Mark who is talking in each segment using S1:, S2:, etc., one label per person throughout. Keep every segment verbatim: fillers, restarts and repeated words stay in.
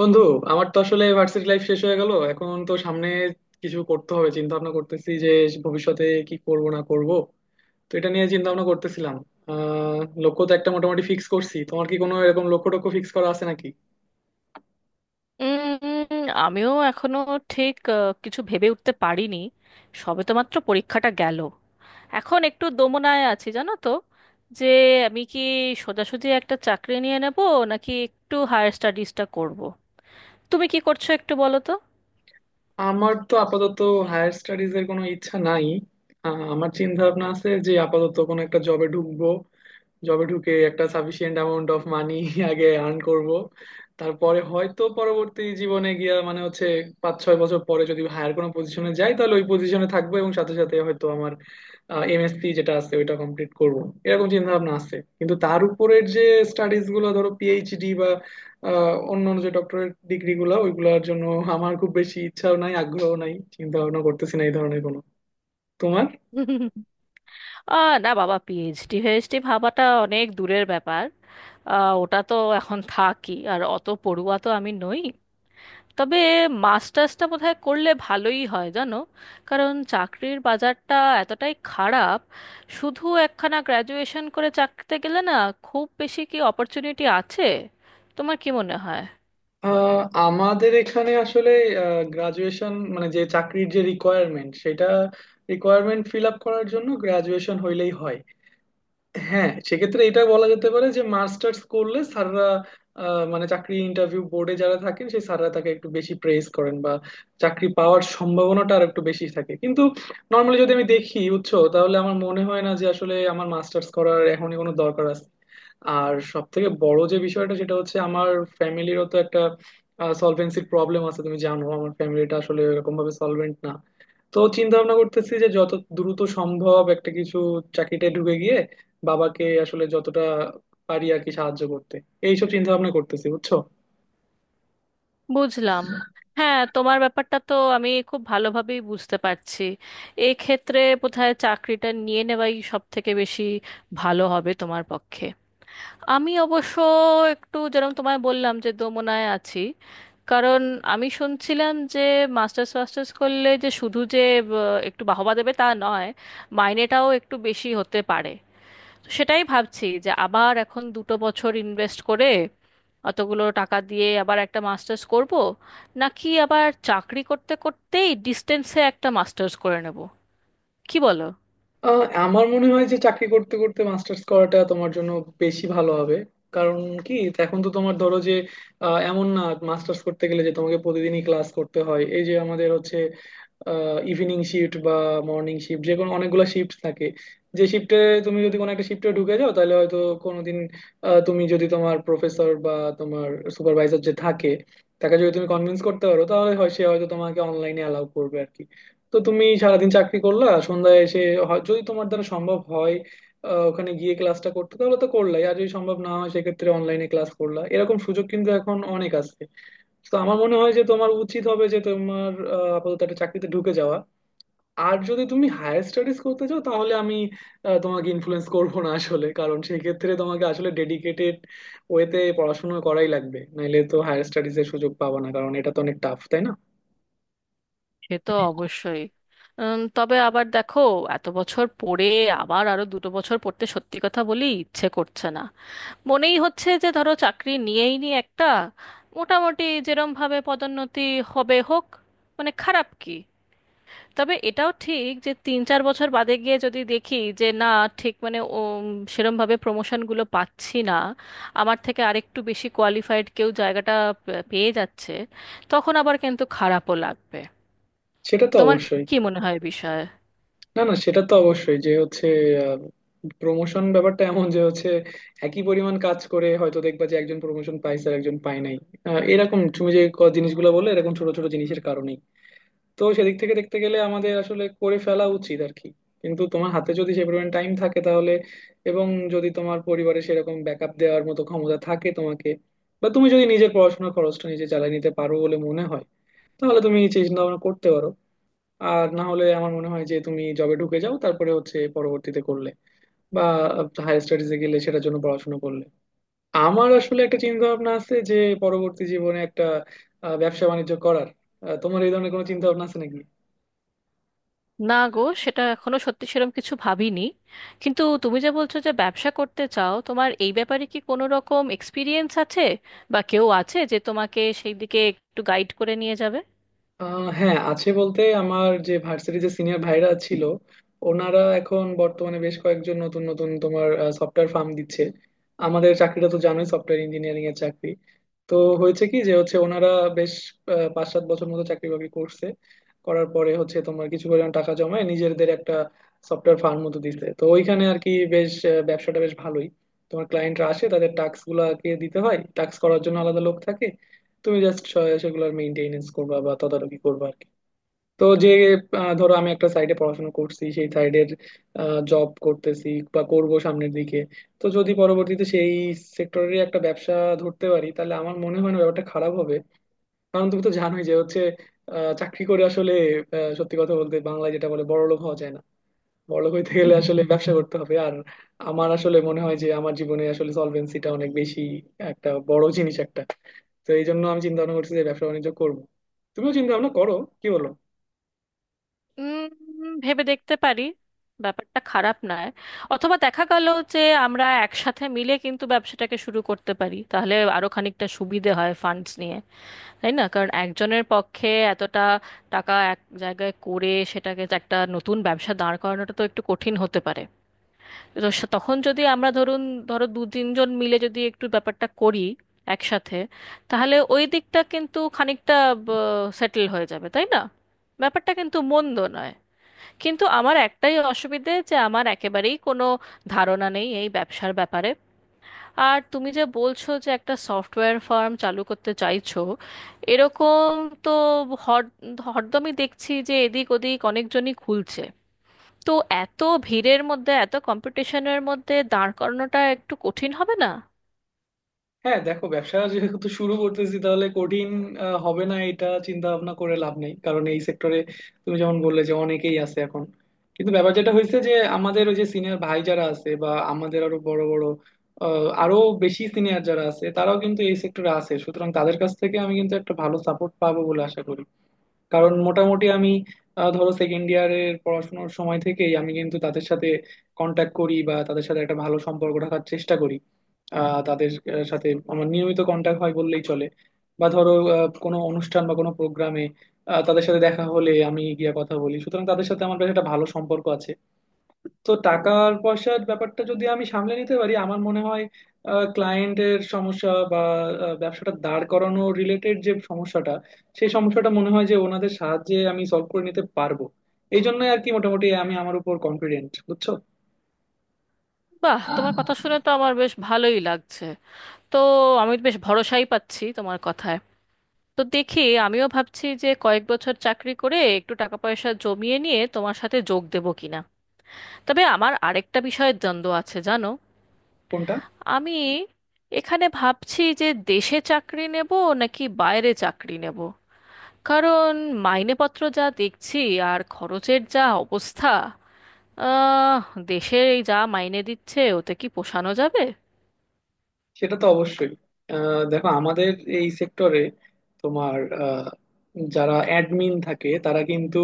S1: বন্ধু, আমার তো আসলে ভার্সিটি লাইফ শেষ হয়ে গেল। এখন তো সামনে কিছু করতে হবে। চিন্তা ভাবনা করতেছি যে ভবিষ্যতে কি করব না করব। তো এটা নিয়ে চিন্তা ভাবনা করতেছিলাম। আহ লক্ষ্য তো একটা মোটামুটি ফিক্স করছি। তোমার কি কোনো এরকম লক্ষ্য টক্ষ্য ফিক্স করা আছে নাকি?
S2: উম, আমিও এখনো ঠিক আহ, কিছু ভেবে উঠতে পারিনি। সবে তো মাত্র পরীক্ষাটা গেল। এখন একটু দোমনায় আছি জানো তো, যে আমি কি সোজাসুজি একটা চাকরি নিয়ে নেব, নাকি একটু হায়ার স্টাডিজটা করব। তুমি কি করছো একটু বলো তো।
S1: আমার তো আপাতত হায়ার স্টাডিজ এর কোনো ইচ্ছা নাই। আহ, আমার চিন্তা ভাবনা আছে যে আপাতত কোনো একটা জবে ঢুকবো। জবে ঢুকে একটা সাফিসিয়েন্ট অ্যামাউন্ট অফ মানি আগে আর্ন করব। তারপরে হয়তো পরবর্তী জীবনে গিয়া মানে হচ্ছে পাঁচ ছয় বছর পরে যদি হায়ার কোনো পজিশনে যাই তাহলে ওই পজিশনে থাকবো, এবং সাথে সাথে হয়তো আমার এমএসসি যেটা আছে ওইটা কমপ্লিট করব। এরকম চিন্তা ভাবনা আছে, কিন্তু তার উপরের যে স্টাডিজ গুলো ধরো পিএইচডি বা আহ, অন্য অন্য যে ডক্টরেট ডিগ্রি গুলো ওইগুলোর জন্য আমার খুব বেশি ইচ্ছাও নাই, আগ্রহ নাই, চিন্তা ভাবনা করতেছি না এই ধরনের কোনো। তোমার?
S2: আহ না বাবা, পিএইচডি ফিএইচডি ভাবাটা অনেক দূরের ব্যাপার। আহ, ওটা তো এখন থাকি, আর অত পড়ুয়া তো আমি নই। তবে মাস্টার্সটা বোধহয় করলে ভালোই হয় জানো। কারণ চাকরির বাজারটা এতটাই খারাপ, শুধু একখানা গ্র্যাজুয়েশন করে চাকরিতে গেলে না খুব বেশি কি অপরচুনিটি আছে? তোমার কি মনে হয়?
S1: আহ, আমাদের এখানে আসলে গ্রাজুয়েশন মানে যে চাকরির যে রিকোয়ারমেন্ট সেটা, রিকোয়ারমেন্ট ফিল আপ করার জন্য গ্রাজুয়েশন হইলেই হয়। হ্যাঁ, সেক্ষেত্রে এটা বলা যেতে পারে যে মাস্টার্স করলে স্যাররা আহ, মানে চাকরি ইন্টারভিউ বোর্ডে যারা থাকেন সেই স্যাররা তাকে একটু বেশি প্রেস করেন বা চাকরি পাওয়ার সম্ভাবনাটা আর একটু বেশি থাকে। কিন্তু নর্মালি যদি আমি দেখি বুঝছো তাহলে আমার মনে হয় না যে আসলে আমার মাস্টার্স করার এখনই কোনো দরকার আছে। আর সব থেকে বড় যে বিষয়টা সেটা হচ্ছে আমার ফ্যামিলিরও তো একটা সলভেন্সির প্রবলেম আছে। তুমি জানো আমার ফ্যামিলিটা আসলে এরকম ভাবে সলভেন্ট না। তো চিন্তা ভাবনা করতেছি যে যত দ্রুত সম্ভব একটা কিছু, বাবাকে আসলে যতটা পারি আর কি সাহায্য করতে, এইসব চিন্তা ভাবনা করতেছি বুঝছো।
S2: বুঝলাম। হ্যাঁ, তোমার ব্যাপারটা তো আমি খুব ভালোভাবেই বুঝতে পারছি। এক্ষেত্রে বোধহয় চাকরিটা নিয়ে নেওয়াই সব থেকে বেশি ভালো হবে তোমার পক্ষে। আমি অবশ্য একটু যেরকম তোমায় বললাম যে দোমনায় আছি, কারণ আমি শুনছিলাম যে মাস্টার্স ফাস্টার্স করলে যে শুধু যে আহ, একটু বাহবা দেবে তা নয়, মাইনেটাও একটু বেশি হতে পারে। তো সেটাই ভাবছি, যে আবার এখন দুটো বছর ইনভেস্ট করে অতগুলো টাকা দিয়ে আবার একটা মাস্টার্স করব, নাকি আবার চাকরি করতে করতেই ডিস্টেন্সে একটা মাস্টার্স করে নেব। কি বলো?
S1: আহ, আমার মনে হয় যে চাকরি করতে করতে মাস্টার্স করাটা তোমার জন্য বেশি ভালো হবে। কারণ কি, এখন তো তোমার ধরো যে আহ, এমন না মাস্টার্স করতে গেলে যে তোমাকে প্রতিদিনই ক্লাস করতে হয়। এই যে আমাদের হচ্ছে ইভিনিং শিফট বা মর্নিং শিফট, যে কোনো অনেকগুলো শিফট থাকে। যে শিফটে তুমি যদি কোনো একটা শিফটে ঢুকে যাও তাহলে হয়তো কোনোদিন আহ, তুমি যদি তোমার প্রফেসর বা তোমার সুপারভাইজার যে থাকে তাকে যদি তুমি কনভিন্স করতে পারো তাহলে হয় সে হয়তো তোমাকে অনলাইনে অ্যালাউ করবে আর কি। তো তুমি সারাদিন চাকরি করলা, সন্ধ্যায় এসে হয়- যদি তোমার দ্বারা সম্ভব হয় আহ, ওখানে গিয়ে ক্লাসটা করতে তাহলে তো করলাই, আর যদি সম্ভব না হয় সেক্ষেত্রে অনলাইনে ক্লাস করলা, এরকম সুযোগ কিন্তু এখন অনেক আছে। তো আমার মনে হয় যে তোমার উচিত হবে যে তোমার আহ, আপাতত একটা চাকরিতে ঢুকে যাওয়া। আর যদি তুমি হায়ার স্টাডিজ করতে চাও তাহলে আমি আহ, তোমাকে ইনফ্লুয়েন্স করব না আসলে, কারণ সেই ক্ষেত্রে তোমাকে আসলে ডেডিকেটেড ওয়েতে পড়াশোনা করাই লাগবে, নাইলে তো হায়ার স্টাডিজ এর সুযোগ পাবা না, কারণ এটা তো অনেক টাফ তাই না।
S2: সে তো অবশ্যই। উম, তবে আবার দেখো, এত বছর পড়ে আবার আরো দুটো বছর পড়তে সত্যি কথা বলি ইচ্ছে করছে না। মনেই হচ্ছে যে ধরো চাকরি নিয়েই নি একটা, মোটামুটি যেরম ভাবে পদোন্নতি হবে হোক, মানে খারাপ কি। তবে এটাও ঠিক যে তিন চার বছর বাদে গিয়ে যদি দেখি যে না, ঠিক মানে ও সেরম ভাবে প্রমোশনগুলো পাচ্ছি না, আমার থেকে আরেকটু বেশি কোয়ালিফাইড কেউ জায়গাটা পে- পেয়ে যাচ্ছে, তখন আবার কিন্তু খারাপও লাগবে।
S1: সেটা তো
S2: তোমার
S1: অবশ্যই।
S2: কি মনে হয় বিষয়ে?
S1: না না, সেটা তো অবশ্যই যে হচ্ছে প্রমোশন ব্যাপারটা এমন যে হচ্ছে একই পরিমাণ কাজ করে হয়তো দেখবা যে একজন প্রমোশন পাইছে আর একজন পায় নাই। আহ, এরকম তুমি যে ক- জিনিসগুলো বললে এরকম ছোট ছোট জিনিসের কারণে। তো সেদিক থেকে দেখতে গেলে আমাদের আসলে করে ফেলা উচিত আর কি। কিন্তু তোমার হাতে যদি সে পরিমাণ টাইম থাকে তাহলে, এবং যদি তোমার পরিবারে সেরকম ব্যাকআপ দেওয়ার মতো ক্ষমতা থাকে তোমাকে, বা তুমি যদি নিজের পড়াশোনার খরচটা নিজে চালিয়ে নিতে পারো বলে মনে হয় তাহলে তুমি চিন্তা ভাবনা করতে পারো। আর না হলে আমার মনে হয় যে তুমি জবে ঢুকে যাও, তারপরে হচ্ছে পরবর্তীতে করলে বা হায়ার স্টাডিজে গেলে সেটার জন্য পড়াশোনা করলে। আমার আসলে একটা চিন্তা ভাবনা আছে যে পরবর্তী জীবনে একটা আহ, ব্যবসা বাণিজ্য করার। আহ, তোমার এই ধরনের কোনো চিন্তা ভাবনা আছে নাকি?
S2: না গো, সেটা এখনো সত্যি সেরকম কিছু ভাবিনি। কিন্তু তুমি যে বলছো যে ব্যবসা করতে চাও, তোমার এই ব্যাপারে কি কোনো রকম এক্সপিরিয়েন্স আছে, বা কেউ আছে যে তোমাকে সেই দিকে একটু গাইড করে নিয়ে যাবে?
S1: আহ হ্যাঁ আছে, বলতে আমার যে ভার্সিটি যে সিনিয়র ভাইরা ছিল ওনারা এখন বর্তমানে বেশ কয়েকজন নতুন নতুন তোমার সফটওয়্যার ফার্ম দিচ্ছে। আমাদের চাকরিটা তো জানোই সফটওয়্যার ইঞ্জিনিয়ারিং এর চাকরি। তো হয়েছে কি যে হচ্ছে ওনারা বেশ আহ, পাঁচ সাত বছর মতো চাকরি বাকরি করছে, করার পরে হচ্ছে তোমার কিছু পরিমাণ টাকা জমায় নিজেদের একটা সফটওয়্যার ফার্ম মতো দিছে। তো ওইখানে আর কি বেশ আহ, ব্যবসাটা বেশ ভালোই। তোমার ক্লায়েন্টরা আসে, তাদের টাস্ক গুলাকে দিতে হয়, টাস্ক করার জন্য আলাদা লোক থাকে। তুমি জাস্ট সেগুলোর মেইনটেনেন্স করবা বা তদারকি করবা আর কি। তো যে আহ, ধরো আমি একটা সাইডে পড়াশোনা করছি, সেই সাইডের জব করতেছি বা করব সামনের দিকে। তো যদি পরবর্তীতে সেই সেক্টরেরই একটা ব্যবসা ধরতে পারি তাহলে আমার মনে হয় না ব্যাপারটা খারাপ হবে। কারণ তুমি তো জানোই যে হচ্ছে আহ, চাকরি করে আসলে আহ, সত্যি কথা বলতে বাংলায় যেটা বলে বড়লোক হওয়া যায় না। বড়লোক হইতে গেলে আসলে ব্যবসা করতে হবে। আর আমার আসলে মনে হয় যে আমার জীবনে আসলে সলভেন্সিটা অনেক বেশি একটা বড় জিনিস একটা। তো এই জন্য আমি চিন্তা ভাবনা করছি যে ব্যবসা বাণিজ্য করবো। তুমিও চিন্তা ভাবনা করো। কি বলো?
S2: উম, ভেবে দেখতে পারি, ব্যাপারটা খারাপ নয়। অথবা দেখা গেল যে আমরা একসাথে মিলে কিন্তু ব্যবসাটাকে শুরু করতে পারি, তাহলে আরো খানিকটা সুবিধে হয় ফান্ডস নিয়ে, তাই না? কারণ একজনের পক্ষে এতটা টাকা এক জায়গায় করে সেটাকে যে একটা নতুন ব্যবসা দাঁড় করানোটা তো একটু কঠিন হতে পারে। তো সে- তখন যদি আমরা ধরুন, ধরো দু তিনজন মিলে যদি একটু ব্যাপারটা করি একসাথে, তাহলে ওই দিকটা কিন্তু খানিকটা সেটেল হয়ে যাবে, তাই না? ব্যাপারটা কিন্তু মন্দ নয়। কিন্তু আমার একটাই অসুবিধে, যে আমার একেবারেই কোনো ধারণা নেই এই ব্যবসার ব্যাপারে। আর তুমি যে বলছো যে একটা সফটওয়্যার ফার্ম চালু করতে চাইছো এরকম, তো হর হরদমই দেখছি যে এদিক ওদিক অনেকজনই খুলছে। তো এত ভিড়ের মধ্যে, এত কম্পিটিশনের মধ্যে দাঁড় করানোটা একটু কঠিন হবে না?
S1: হ্যাঁ দেখো, ব্যবসা যেহেতু শুরু করতেছি তাহলে কঠিন আহ, হবে না এটা চিন্তা ভাবনা করে লাভ নেই, কারণ এই সেক্টরে তুমি যেমন বললে যে অনেকেই আছে এখন। কিন্তু ব্যাপার যেটা হয়েছে যে আমাদের ওই যে সিনিয়র ভাই যারা আছে বা আমাদের আরো বড় বড়, আহ, আরো বেশি সিনিয়র যারা আছে তারাও কিন্তু এই সেক্টরে আছে, সুতরাং তাদের কাছ থেকে আমি কিন্তু একটা ভালো সাপোর্ট পাবো বলে আশা করি। কারণ মোটামুটি আমি আহ, ধরো সেকেন্ড ইয়ারের পড়াশোনার সময় থেকেই আমি কিন্তু তাদের সাথে কন্ট্যাক্ট করি বা তাদের সাথে একটা ভালো সম্পর্ক রাখার চেষ্টা করি। আহ, তাদের আহ, সাথে আমার নিয়মিত কন্ট্যাক্ট হয় বললেই চলে। বা ধরো আহ, কোনো অনুষ্ঠান বা কোনো প্রোগ্রামে তাদের সাথে দেখা হলে আমি গিয়ে কথা বলি। সুতরাং তাদের সাথে আমার বেশ একটা ভালো সম্পর্ক আছে। তো টাকার পয়সার ব্যাপারটা যদি আমি সামলে নিতে পারি আমার মনে হয় ক্লায়েন্টের সমস্যা বা আহ, ব্যবসাটা দাঁড় করানো রিলেটেড যে সমস্যাটা, সেই সমস্যাটা মনে হয় যে ওনাদের সাহায্যে আমি সলভ করে নিতে পারবো। এই জন্যই আর কি মোটামুটি আমি আমার উপর কনফিডেন্ট বুঝছো।
S2: বাহ, তোমার কথা শুনে তো আমার বেশ ভালোই লাগছে। তো আমি বেশ ভরসাই পাচ্ছি তোমার কথায়। তো দেখি, আমিও ভাবছি যে কয়েক বছর চাকরি করে একটু টাকা পয়সা জমিয়ে নিয়ে তোমার সাথে যোগ দেবো কিনা। তবে আমার আরেকটা বিষয়ে দ্বন্দ্ব আছে জানো।
S1: কোনটা?
S2: আমি এখানে ভাবছি যে দেশে চাকরি নেব নাকি বাইরে চাকরি নেব। কারণ মাইনেপত্র যা দেখছি আর খরচের যা অবস্থা, আহ দেশে এই যা মাইনে দিচ্ছে ওতে কি পোষানো যাবে?
S1: সেটা তো অবশ্যই। আহ, দেখো আমাদের এই সেক্টরে তোমার যারা অ্যাডমিন থাকে তারা কিন্তু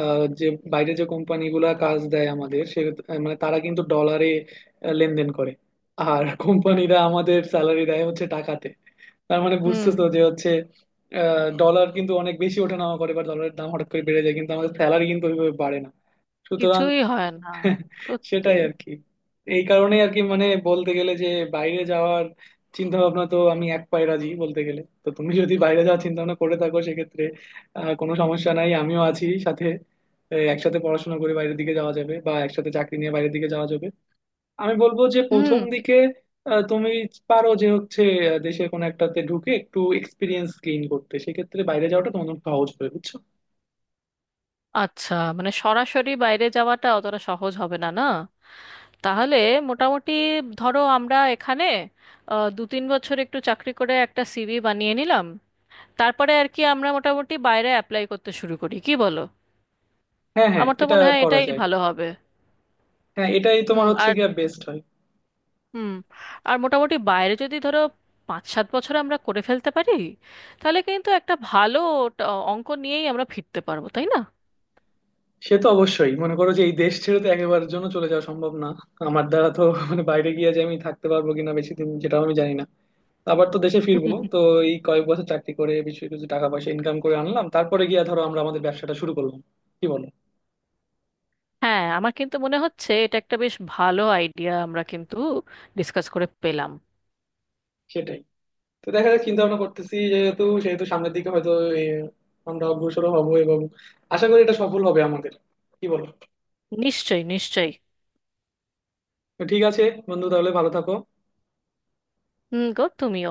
S1: আহ, যে বাইরে যে কোম্পানিগুলা কাজ দেয় আমাদের সে মানে, তারা কিন্তু ডলারে আহ, লেনদেন করে। আর কোম্পানিরা আমাদের স্যালারি দেয় হচ্ছে টাকাতে। তার মানে
S2: হুম।
S1: বুঝতেছো যে হচ্ছে ডলার কিন্তু অনেক বেশি ওঠানামা করে বা ডলারের দাম হঠাৎ করে বেড়ে যায় কিন্তু আমাদের স্যালারি কিন্তু ওইভাবে বাড়ে না। সুতরাং
S2: কিছুই হয় না। সত্যি।
S1: সেটাই আর কি। এই কারণেই আর কি মানে বলতে গেলে যে বাইরে যাওয়ার চিন্তা ভাবনা তো আমি এক পায়ে রাজি বলতে গেলে। তো তুমি যদি বাইরে যাওয়ার চিন্তা ভাবনা করে থাকো সেক্ষেত্রে আহ, কোনো সমস্যা নাই, আমিও আছি সাথে। এই একসাথে পড়াশোনা করে বাইরের দিকে যাওয়া যাবে বা একসাথে চাকরি নিয়ে বাইরের দিকে যাওয়া যাবে। আমি বলবো যে
S2: হুম।
S1: প্রথম দিকে আহ, তুমি পারো যে হচ্ছে আহ, দেশের কোনো একটাতে ঢুকে একটু এক্সপিরিয়েন্স গেইন করতে, সেক্ষেত্রে বাইরে যাওয়াটা তোমার জন্য সহজ হবে বুঝছো।
S2: আচ্ছা, মানে সরাসরি বাইরে যাওয়াটা অতটা সহজ হবে না, না? তাহলে মোটামুটি ধরো আমরা এখানে আহ, দু তিন বছর একটু চাকরি করে একটা সিভি বানিয়ে নিলাম, তারপরে আর কি আমরা মোটামুটি বাইরে অ্যাপ্লাই করতে শুরু করি, কি বলো?
S1: হ্যাঁ হ্যাঁ,
S2: আমার তো
S1: এটা
S2: মনে হয়
S1: করা
S2: এটাই
S1: যায়।
S2: ভালো হবে।
S1: হ্যাঁ, এটাই তোমার
S2: হুম।
S1: হচ্ছে
S2: আর
S1: গিয়ে বেস্ট হয়।
S2: হুম, আর মোটামুটি বাইরে যদি ধরো পাঁচ সাত বছর আমরা করে ফেলতে পারি, তাহলে কিন্তু একটা ভালো ট- অঙ্ক নিয়েই আমরা ফিরতে পারবো, তাই না?
S1: সে তো অবশ্যই, মনে করো যে এই দেশ ছেড়ে তো একেবারের জন্য চলে যাওয়া সম্ভব না আমার দ্বারা তো। মানে বাইরে গিয়ে যে আমি থাকতে পারবো কিনা বেশি দিন যেটাও আমি জানি না। আবার তো দেশে ফিরবো তো। এই কয়েক বছর চাকরি করে বেশি কিছু টাকা পয়সা ইনকাম করে আনলাম, তারপরে গিয়ে ধরো আমরা আমাদের ব্যবসাটা শুরু করলাম। কি বলো?
S2: হ্যাঁ, আমার কিন্তু মনে হচ্ছে এটা একটা বেশ ভালো আইডিয়া, আমরা কিন্তু ডিসকাস করে পেলাম।
S1: সেটাই। তো দেখা যাক, চিন্তা ভাবনা করতেছি যেহেতু সেহেতু সামনের দিকে হয়তো এ, আমরা অগ্রসর হব এবং আশা করি এটা সফল হবে আমাদের। কি বলো?
S2: নিশ্চয়ই, নিশ্চয়ই।
S1: তো ঠিক আছে বন্ধু, তাহলে ভালো থাকো।
S2: হুম গো, তুমিও।